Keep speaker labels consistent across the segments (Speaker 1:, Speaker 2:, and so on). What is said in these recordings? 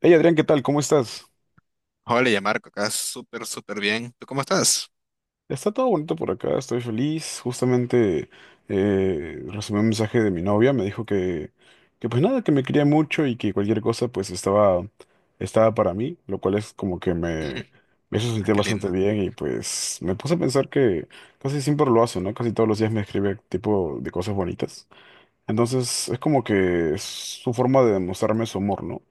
Speaker 1: Hey Adrián, ¿qué tal? ¿Cómo estás?
Speaker 2: Hola, ya Marco, acá súper, súper bien. ¿Tú cómo estás?
Speaker 1: Está todo bonito por acá, estoy feliz. Justamente recibí un mensaje de mi novia, me dijo que pues nada, que me quería mucho y que cualquier cosa pues estaba para mí, lo cual es como que me hizo
Speaker 2: Ah,
Speaker 1: sentir
Speaker 2: qué
Speaker 1: bastante
Speaker 2: lindo,
Speaker 1: bien y pues me puse a pensar que casi siempre lo hace, ¿no? Casi todos los días me escribe tipo de cosas bonitas. Entonces es como que es su forma de demostrarme su amor, ¿no?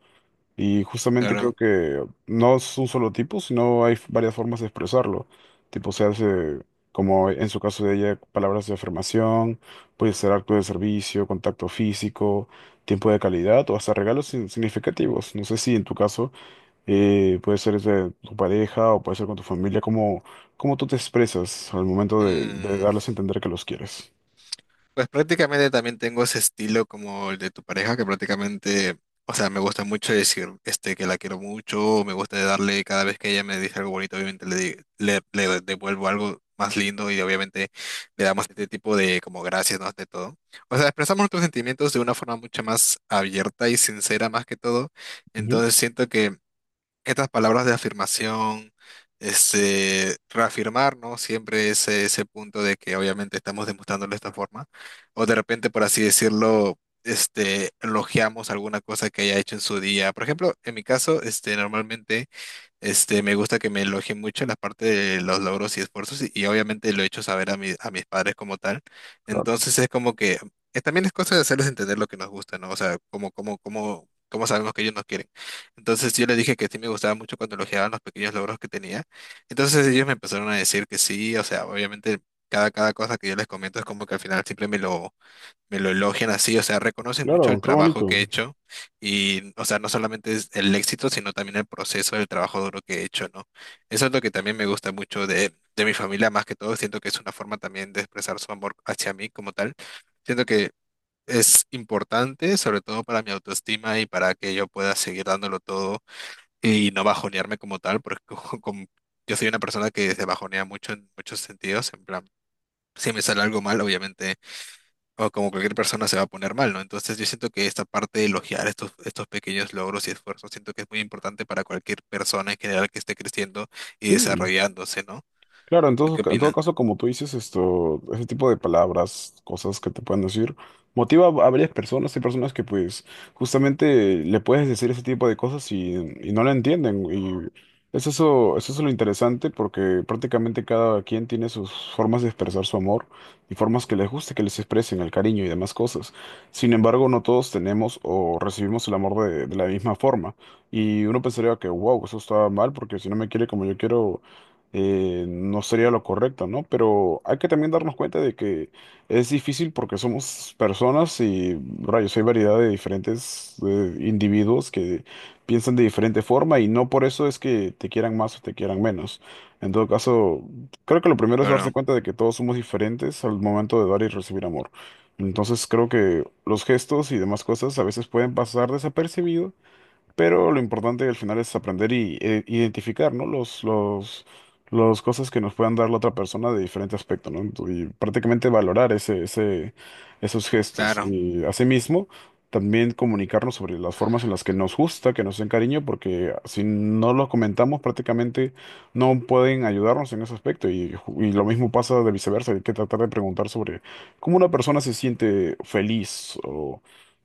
Speaker 1: Y justamente creo
Speaker 2: claro.
Speaker 1: que no es un solo tipo, sino hay varias formas de expresarlo. Tipo, se hace, como en su caso de ella, palabras de afirmación, puede ser acto de servicio, contacto físico, tiempo de calidad o hasta regalos sin- significativos. No sé si en tu caso puede ser de tu pareja o puede ser con tu familia, cómo tú te expresas al momento de
Speaker 2: Mm,
Speaker 1: darles a entender que los quieres.
Speaker 2: pues prácticamente también tengo ese estilo como el de tu pareja, que prácticamente, o sea, me gusta mucho decir que la quiero mucho, me gusta darle cada vez que ella me dice algo bonito, obviamente le devuelvo algo más lindo y obviamente le damos este tipo de como gracias, ¿no? De todo. O sea, expresamos nuestros sentimientos de una forma mucho más abierta y sincera más que todo.
Speaker 1: Ujú.
Speaker 2: Entonces siento que estas palabras de afirmación, reafirmar, ¿no? Siempre ese punto de que obviamente estamos demostrándolo de esta forma, o de repente, por así decirlo, elogiamos alguna cosa que haya hecho en su día. Por ejemplo, en mi caso, normalmente me gusta que me elogien mucho la parte de los logros y esfuerzos y obviamente lo he hecho saber a mis padres como tal.
Speaker 1: Claro,
Speaker 2: Entonces es como que también es cosa de hacerles entender lo que nos gusta, ¿no? O sea, como cómo sabemos que ellos nos quieren. Entonces yo les dije que sí me gustaba mucho cuando elogiaban los pequeños logros que tenía. Entonces ellos me empezaron a decir que sí, o sea, obviamente cada cosa que yo les comento es como que al final siempre me lo elogian así, o sea, reconocen mucho
Speaker 1: claro,
Speaker 2: el
Speaker 1: qué
Speaker 2: trabajo
Speaker 1: bonito.
Speaker 2: que he hecho y, o sea, no solamente es el éxito, sino también el proceso del trabajo duro que he hecho, ¿no? Eso es lo que también me gusta mucho de mi familia, más que todo, siento que es una forma también de expresar su amor hacia mí como tal. Siento que es importante, sobre todo para mi autoestima y para que yo pueda seguir dándolo todo y no bajonearme como tal, porque como- yo soy una persona que se bajonea mucho en muchos sentidos, en plan, si me sale algo mal, obviamente o como cualquier persona se va a poner mal, ¿no? Entonces yo siento que esta parte de elogiar estos pequeños logros y esfuerzos, siento que es muy importante para cualquier persona en general que esté creciendo y
Speaker 1: Sí.
Speaker 2: desarrollándose, ¿no?
Speaker 1: Claro,
Speaker 2: ¿Tú qué
Speaker 1: en todo
Speaker 2: opinas?
Speaker 1: caso, como tú dices, esto, ese tipo de palabras, cosas que te pueden decir, motiva a varias personas. Hay personas que, pues, justamente le puedes decir ese tipo de cosas y no la entienden. Y es eso lo interesante, porque prácticamente cada quien tiene sus formas de expresar su amor y formas que les guste que les expresen el cariño y demás cosas. Sin embargo, no todos tenemos o recibimos el amor de la misma forma. Y uno pensaría que, wow, eso está mal, porque si no me quiere como yo quiero no sería
Speaker 2: Mm,
Speaker 1: lo correcto, ¿no? Pero hay que también darnos cuenta de que es difícil porque somos personas y, rayos, hay variedad de diferentes individuos que piensan de diferente forma y no por eso es que te quieran más o te quieran menos. En todo caso, creo que lo primero es darse
Speaker 2: Claro,
Speaker 1: cuenta de que todos somos diferentes al momento de dar y recibir amor. Entonces creo que los gestos y demás cosas a veces pueden pasar desapercibidos, pero lo importante al final es aprender y identificar, ¿no? Los cosas que nos puedan dar la otra persona de diferente aspecto, ¿no? Y prácticamente valorar esos gestos.
Speaker 2: claro,
Speaker 1: Y asimismo, también comunicarnos sobre las formas en las que nos gusta, que nos den cariño, porque si no lo comentamos, prácticamente no pueden ayudarnos en ese aspecto. Y, y lo mismo pasa de viceversa. Hay que tratar de preguntar sobre cómo una persona se siente feliz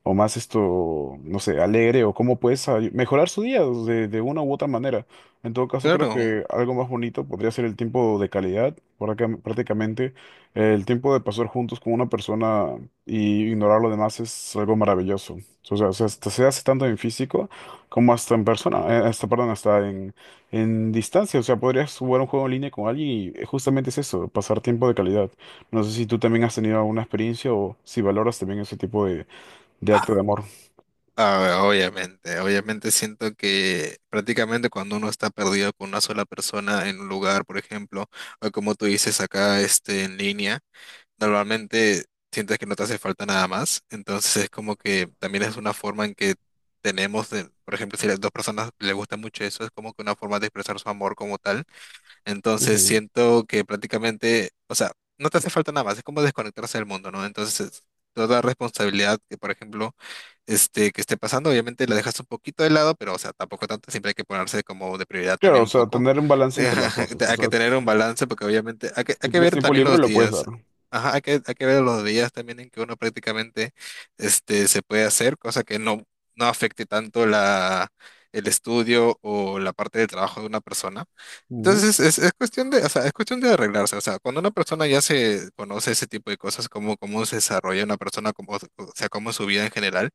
Speaker 1: o más esto, no sé, alegre o cómo puedes mejorar su día de una u otra manera. En todo caso, creo
Speaker 2: claro.
Speaker 1: que algo más bonito podría ser el tiempo de calidad, por acá prácticamente el tiempo de pasar juntos con una persona y ignorar lo demás es algo maravilloso. O sea, hasta se hace tanto en físico como hasta en persona, perdón, en distancia. O sea, podrías jugar un juego en línea con alguien y justamente es eso, pasar tiempo de calidad. No sé si tú también has tenido alguna experiencia o si valoras también ese tipo de acto de amor.
Speaker 2: A ver, obviamente siento que prácticamente cuando uno está perdido con una sola persona en un lugar, por ejemplo, o como tú dices acá, en línea, normalmente sientes que no te hace falta nada más, entonces es como que también es una forma en que tenemos, por ejemplo, si las dos personas les gusta mucho eso, es como que una forma de expresar su amor como tal. Entonces
Speaker 1: Ujú.
Speaker 2: siento que prácticamente, o sea, no te hace falta nada más, es como desconectarse del mundo, ¿no? Entonces, toda responsabilidad que, por ejemplo, que esté pasando, obviamente la dejas un poquito de lado, pero, o sea, tampoco tanto, siempre hay que ponerse como de prioridad
Speaker 1: Claro,
Speaker 2: también
Speaker 1: o
Speaker 2: un
Speaker 1: sea,
Speaker 2: poco.
Speaker 1: tener un balance entre las cosas. O
Speaker 2: Hay que
Speaker 1: sea,
Speaker 2: tener un balance porque obviamente hay
Speaker 1: si
Speaker 2: que
Speaker 1: tienes
Speaker 2: ver
Speaker 1: tiempo
Speaker 2: también
Speaker 1: libre,
Speaker 2: los
Speaker 1: lo puedes dar.
Speaker 2: días. Ajá, hay que ver los días también en que uno prácticamente se puede hacer, cosa que no afecte tanto el estudio o la parte de trabajo de una persona.
Speaker 1: Ujú,
Speaker 2: Entonces es cuestión de, o sea, es cuestión de arreglarse. O sea, cuando una persona ya se conoce ese tipo de cosas, cómo se desarrolla una persona, cómo, o sea, cómo es su vida en general,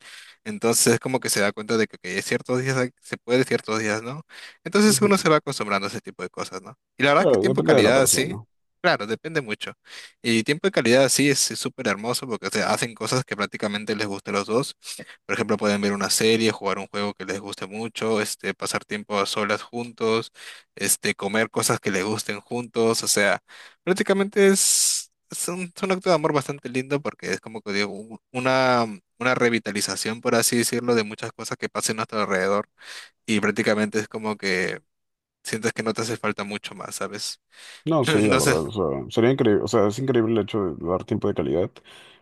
Speaker 2: entonces es como que se da cuenta de que ciertos días se puede, ciertos días no. Entonces uno
Speaker 1: ujú.
Speaker 2: se va acostumbrando a ese tipo de cosas, ¿no? Y la verdad es que
Speaker 1: Claro,
Speaker 2: tiempo de
Speaker 1: depende de la
Speaker 2: calidad sí,
Speaker 1: persona.
Speaker 2: claro, depende mucho. Y tiempo de calidad sí es súper hermoso porque se hacen cosas que prácticamente les gusta a los dos. Por ejemplo, pueden ver una serie, jugar un juego que les guste mucho, pasar tiempo a solas juntos comer cosas que les gusten juntos, o sea, prácticamente es un acto de amor bastante lindo porque es como que digo, una revitalización, por así decirlo, de muchas cosas que pasan a nuestro alrededor y prácticamente es como que sientes que no te hace falta mucho más, ¿sabes?
Speaker 1: No, sí, la
Speaker 2: No sé.
Speaker 1: verdad, o sea, sería increíble, o sea, es increíble el hecho de dar tiempo de calidad.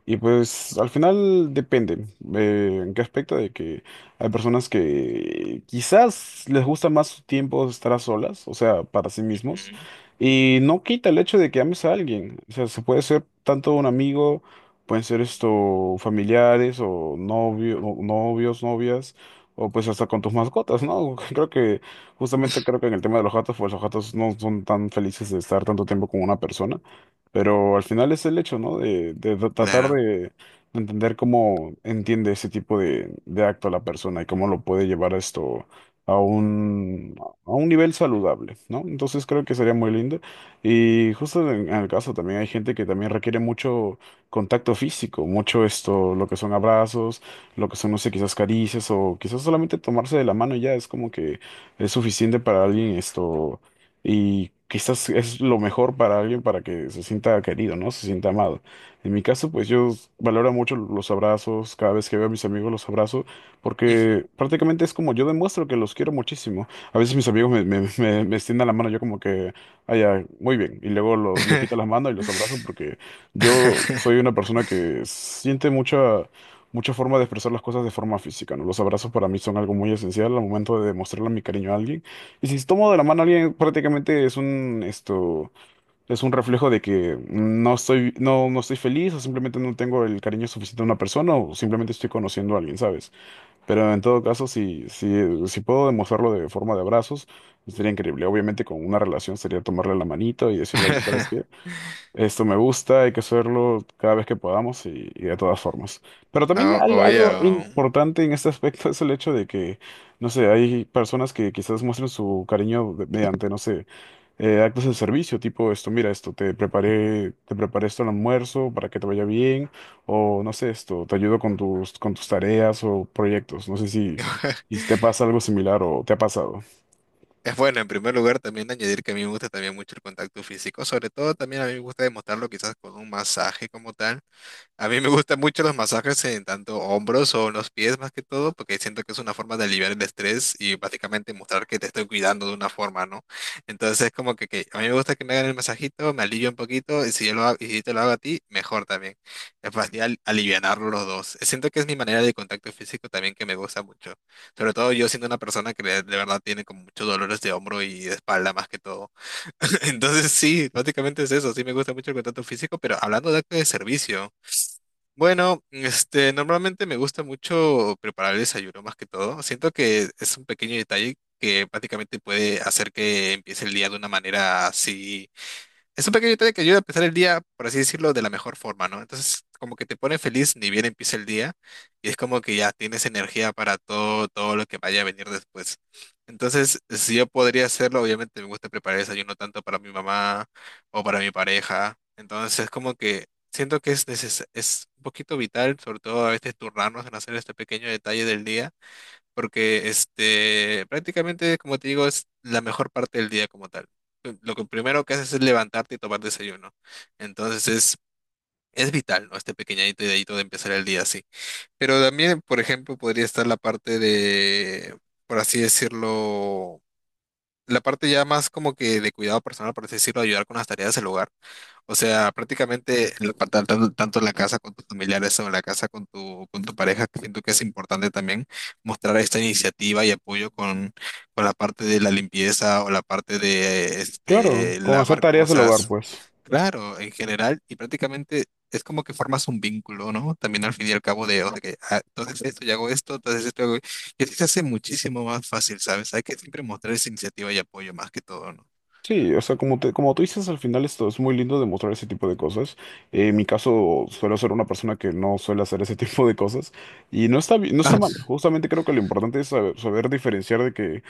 Speaker 1: Y pues al final depende, en qué aspecto de que hay personas que quizás les gusta más su tiempo estar a solas, o sea, para sí mismos,
Speaker 2: Ujú,
Speaker 1: y no quita el hecho de que ames a alguien, o sea, se puede ser tanto un amigo, pueden ser esto familiares o novio, o novios, novias, o pues hasta con tus mascotas, ¿no? Creo que justamente creo que en el tema de los gatos, pues los gatos no son tan felices de estar tanto tiempo con una persona, pero al final es el hecho, ¿no? De tratar
Speaker 2: claro.
Speaker 1: de entender cómo entiende ese tipo de acto la persona y cómo lo puede llevar esto a a un nivel saludable, ¿no? Entonces creo que sería muy lindo. Y justo en el caso también hay gente que también requiere mucho contacto físico, mucho esto, lo que son abrazos, lo que son, no sé, quizás caricias o quizás solamente tomarse de la mano y ya es como que es suficiente para alguien esto y quizás es lo mejor para alguien para que se sienta querido, ¿no? Se sienta amado. En mi caso, pues yo valoro mucho los abrazos, cada vez que veo a mis amigos los abrazo,
Speaker 2: Ujú.
Speaker 1: porque prácticamente es como yo demuestro que los quiero muchísimo. A veces mis amigos me extienden la mano, yo como que, ah, ya, muy bien, y luego le quito las manos y los abrazo porque yo soy una persona que siente mucha... Mucha forma de expresar las cosas de forma física, ¿no? Los abrazos para mí son algo muy esencial al momento de demostrarle mi cariño a alguien. Y si tomo de la mano a alguien, prácticamente es un, esto, es un reflejo de que no estoy, no estoy feliz o simplemente no tengo el cariño suficiente a una persona o simplemente estoy conociendo a alguien, ¿sabes? Pero en todo caso, si puedo demostrarlo de forma de abrazos, sería increíble. Obviamente con una relación sería tomarle la manito y decirle, oye, ¿sabes qué? Esto me gusta, hay que hacerlo cada vez que podamos y de todas formas. Pero también
Speaker 2: No,
Speaker 1: algo
Speaker 2: obvio.
Speaker 1: importante en este aspecto es el hecho de que, no sé, hay personas que quizás muestren su cariño mediante, no sé, actos de servicio, tipo esto, mira esto, te preparé esto al almuerzo para que te vaya bien, o no sé, esto, te ayudo con tus tareas o proyectos. No sé si te pasa algo similar o te ha pasado.
Speaker 2: Es bueno, en primer lugar, también añadir que a mí me gusta también mucho el contacto físico, sobre todo también a mí me gusta demostrarlo quizás con un masaje como tal. A mí me gustan mucho los masajes en tanto hombros o en los pies más que todo, porque siento que es una forma de aliviar el estrés y básicamente mostrar que te estoy cuidando de una forma, ¿no? Entonces es como que a mí me gusta que me hagan el masajito, me alivia un poquito, y si yo lo hago, y si te lo hago a ti, mejor también. Es fácil alivianarlo los dos. Siento que es mi manera de contacto físico también que me gusta mucho. Sobre todo yo siendo una persona que de verdad tiene como muchos dolores de hombro y de espalda más que todo. Entonces sí, básicamente es eso, sí me gusta mucho el contacto físico, pero hablando de acto de servicio. Bueno, normalmente me gusta mucho preparar el desayuno más que todo. Siento que es un pequeño detalle que prácticamente puede hacer que empiece el día de una manera así. Es un pequeño detalle que ayuda a empezar el día, por así decirlo, de la mejor forma, ¿no? Entonces, como que te pone feliz ni bien empieza el día y es como que ya tienes energía para todo, todo lo que vaya a venir después. Entonces, si yo podría hacerlo, obviamente me gusta preparar el desayuno tanto para mi mamá o para mi pareja. Entonces, como que siento que es es un poquito vital, sobre todo a veces turnarnos en hacer este pequeño detalle del día porque prácticamente, como te digo, es la mejor parte del día como tal. Lo que primero que haces es levantarte y tomar desayuno. Entonces es vital, ¿no? Este pequeñito dedito de empezar el día así. Pero también, por ejemplo, podría estar la parte de, por así decirlo, la parte ya más como que de cuidado personal, por así decirlo, ayudar con las tareas del hogar. O sea, prácticamente tanto en la casa con tus familiares o en la casa con tu pareja, que siento que es importante también mostrar esta iniciativa y apoyo con la parte de la limpieza o la parte de
Speaker 1: Claro, con hacer
Speaker 2: lavar
Speaker 1: tareas del hogar,
Speaker 2: cosas.
Speaker 1: pues.
Speaker 2: Claro, en general, y prácticamente es como que formas un vínculo, ¿no? También al fin y al cabo de, o sea, que ah, entonces esto y hago esto, entonces esto que sí se hace muchísimo más fácil, ¿sabes? Hay que siempre mostrar esa iniciativa y apoyo más que todo, ¿no?
Speaker 1: Sí, o sea, como te, como tú dices, al final esto es muy lindo demostrar ese tipo de cosas. En mi caso, suelo ser una persona que no suele hacer ese tipo de cosas y no está, no está
Speaker 2: Ah,
Speaker 1: mal. Justamente creo que lo importante es saber, saber diferenciar de que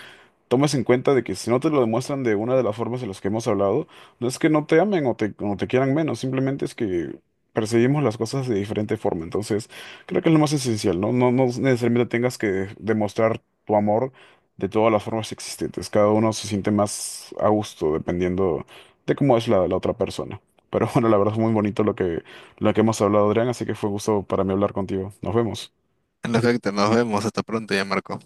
Speaker 1: tomes en cuenta de que si no te lo demuestran de una de las formas de las que hemos hablado, no es que no te amen o te quieran menos, simplemente es que percibimos las cosas de diferente forma. Entonces, creo que es lo más esencial, ¿no? No necesariamente tengas que demostrar tu amor de todas las formas existentes. Cada uno se siente más a gusto dependiendo de cómo es la otra persona. Pero bueno, la verdad es muy bonito lo lo que hemos hablado, Adrián, así que fue un gusto para mí hablar contigo. Nos vemos.
Speaker 2: en efecto, nos vemos. Hasta pronto ya, Marco.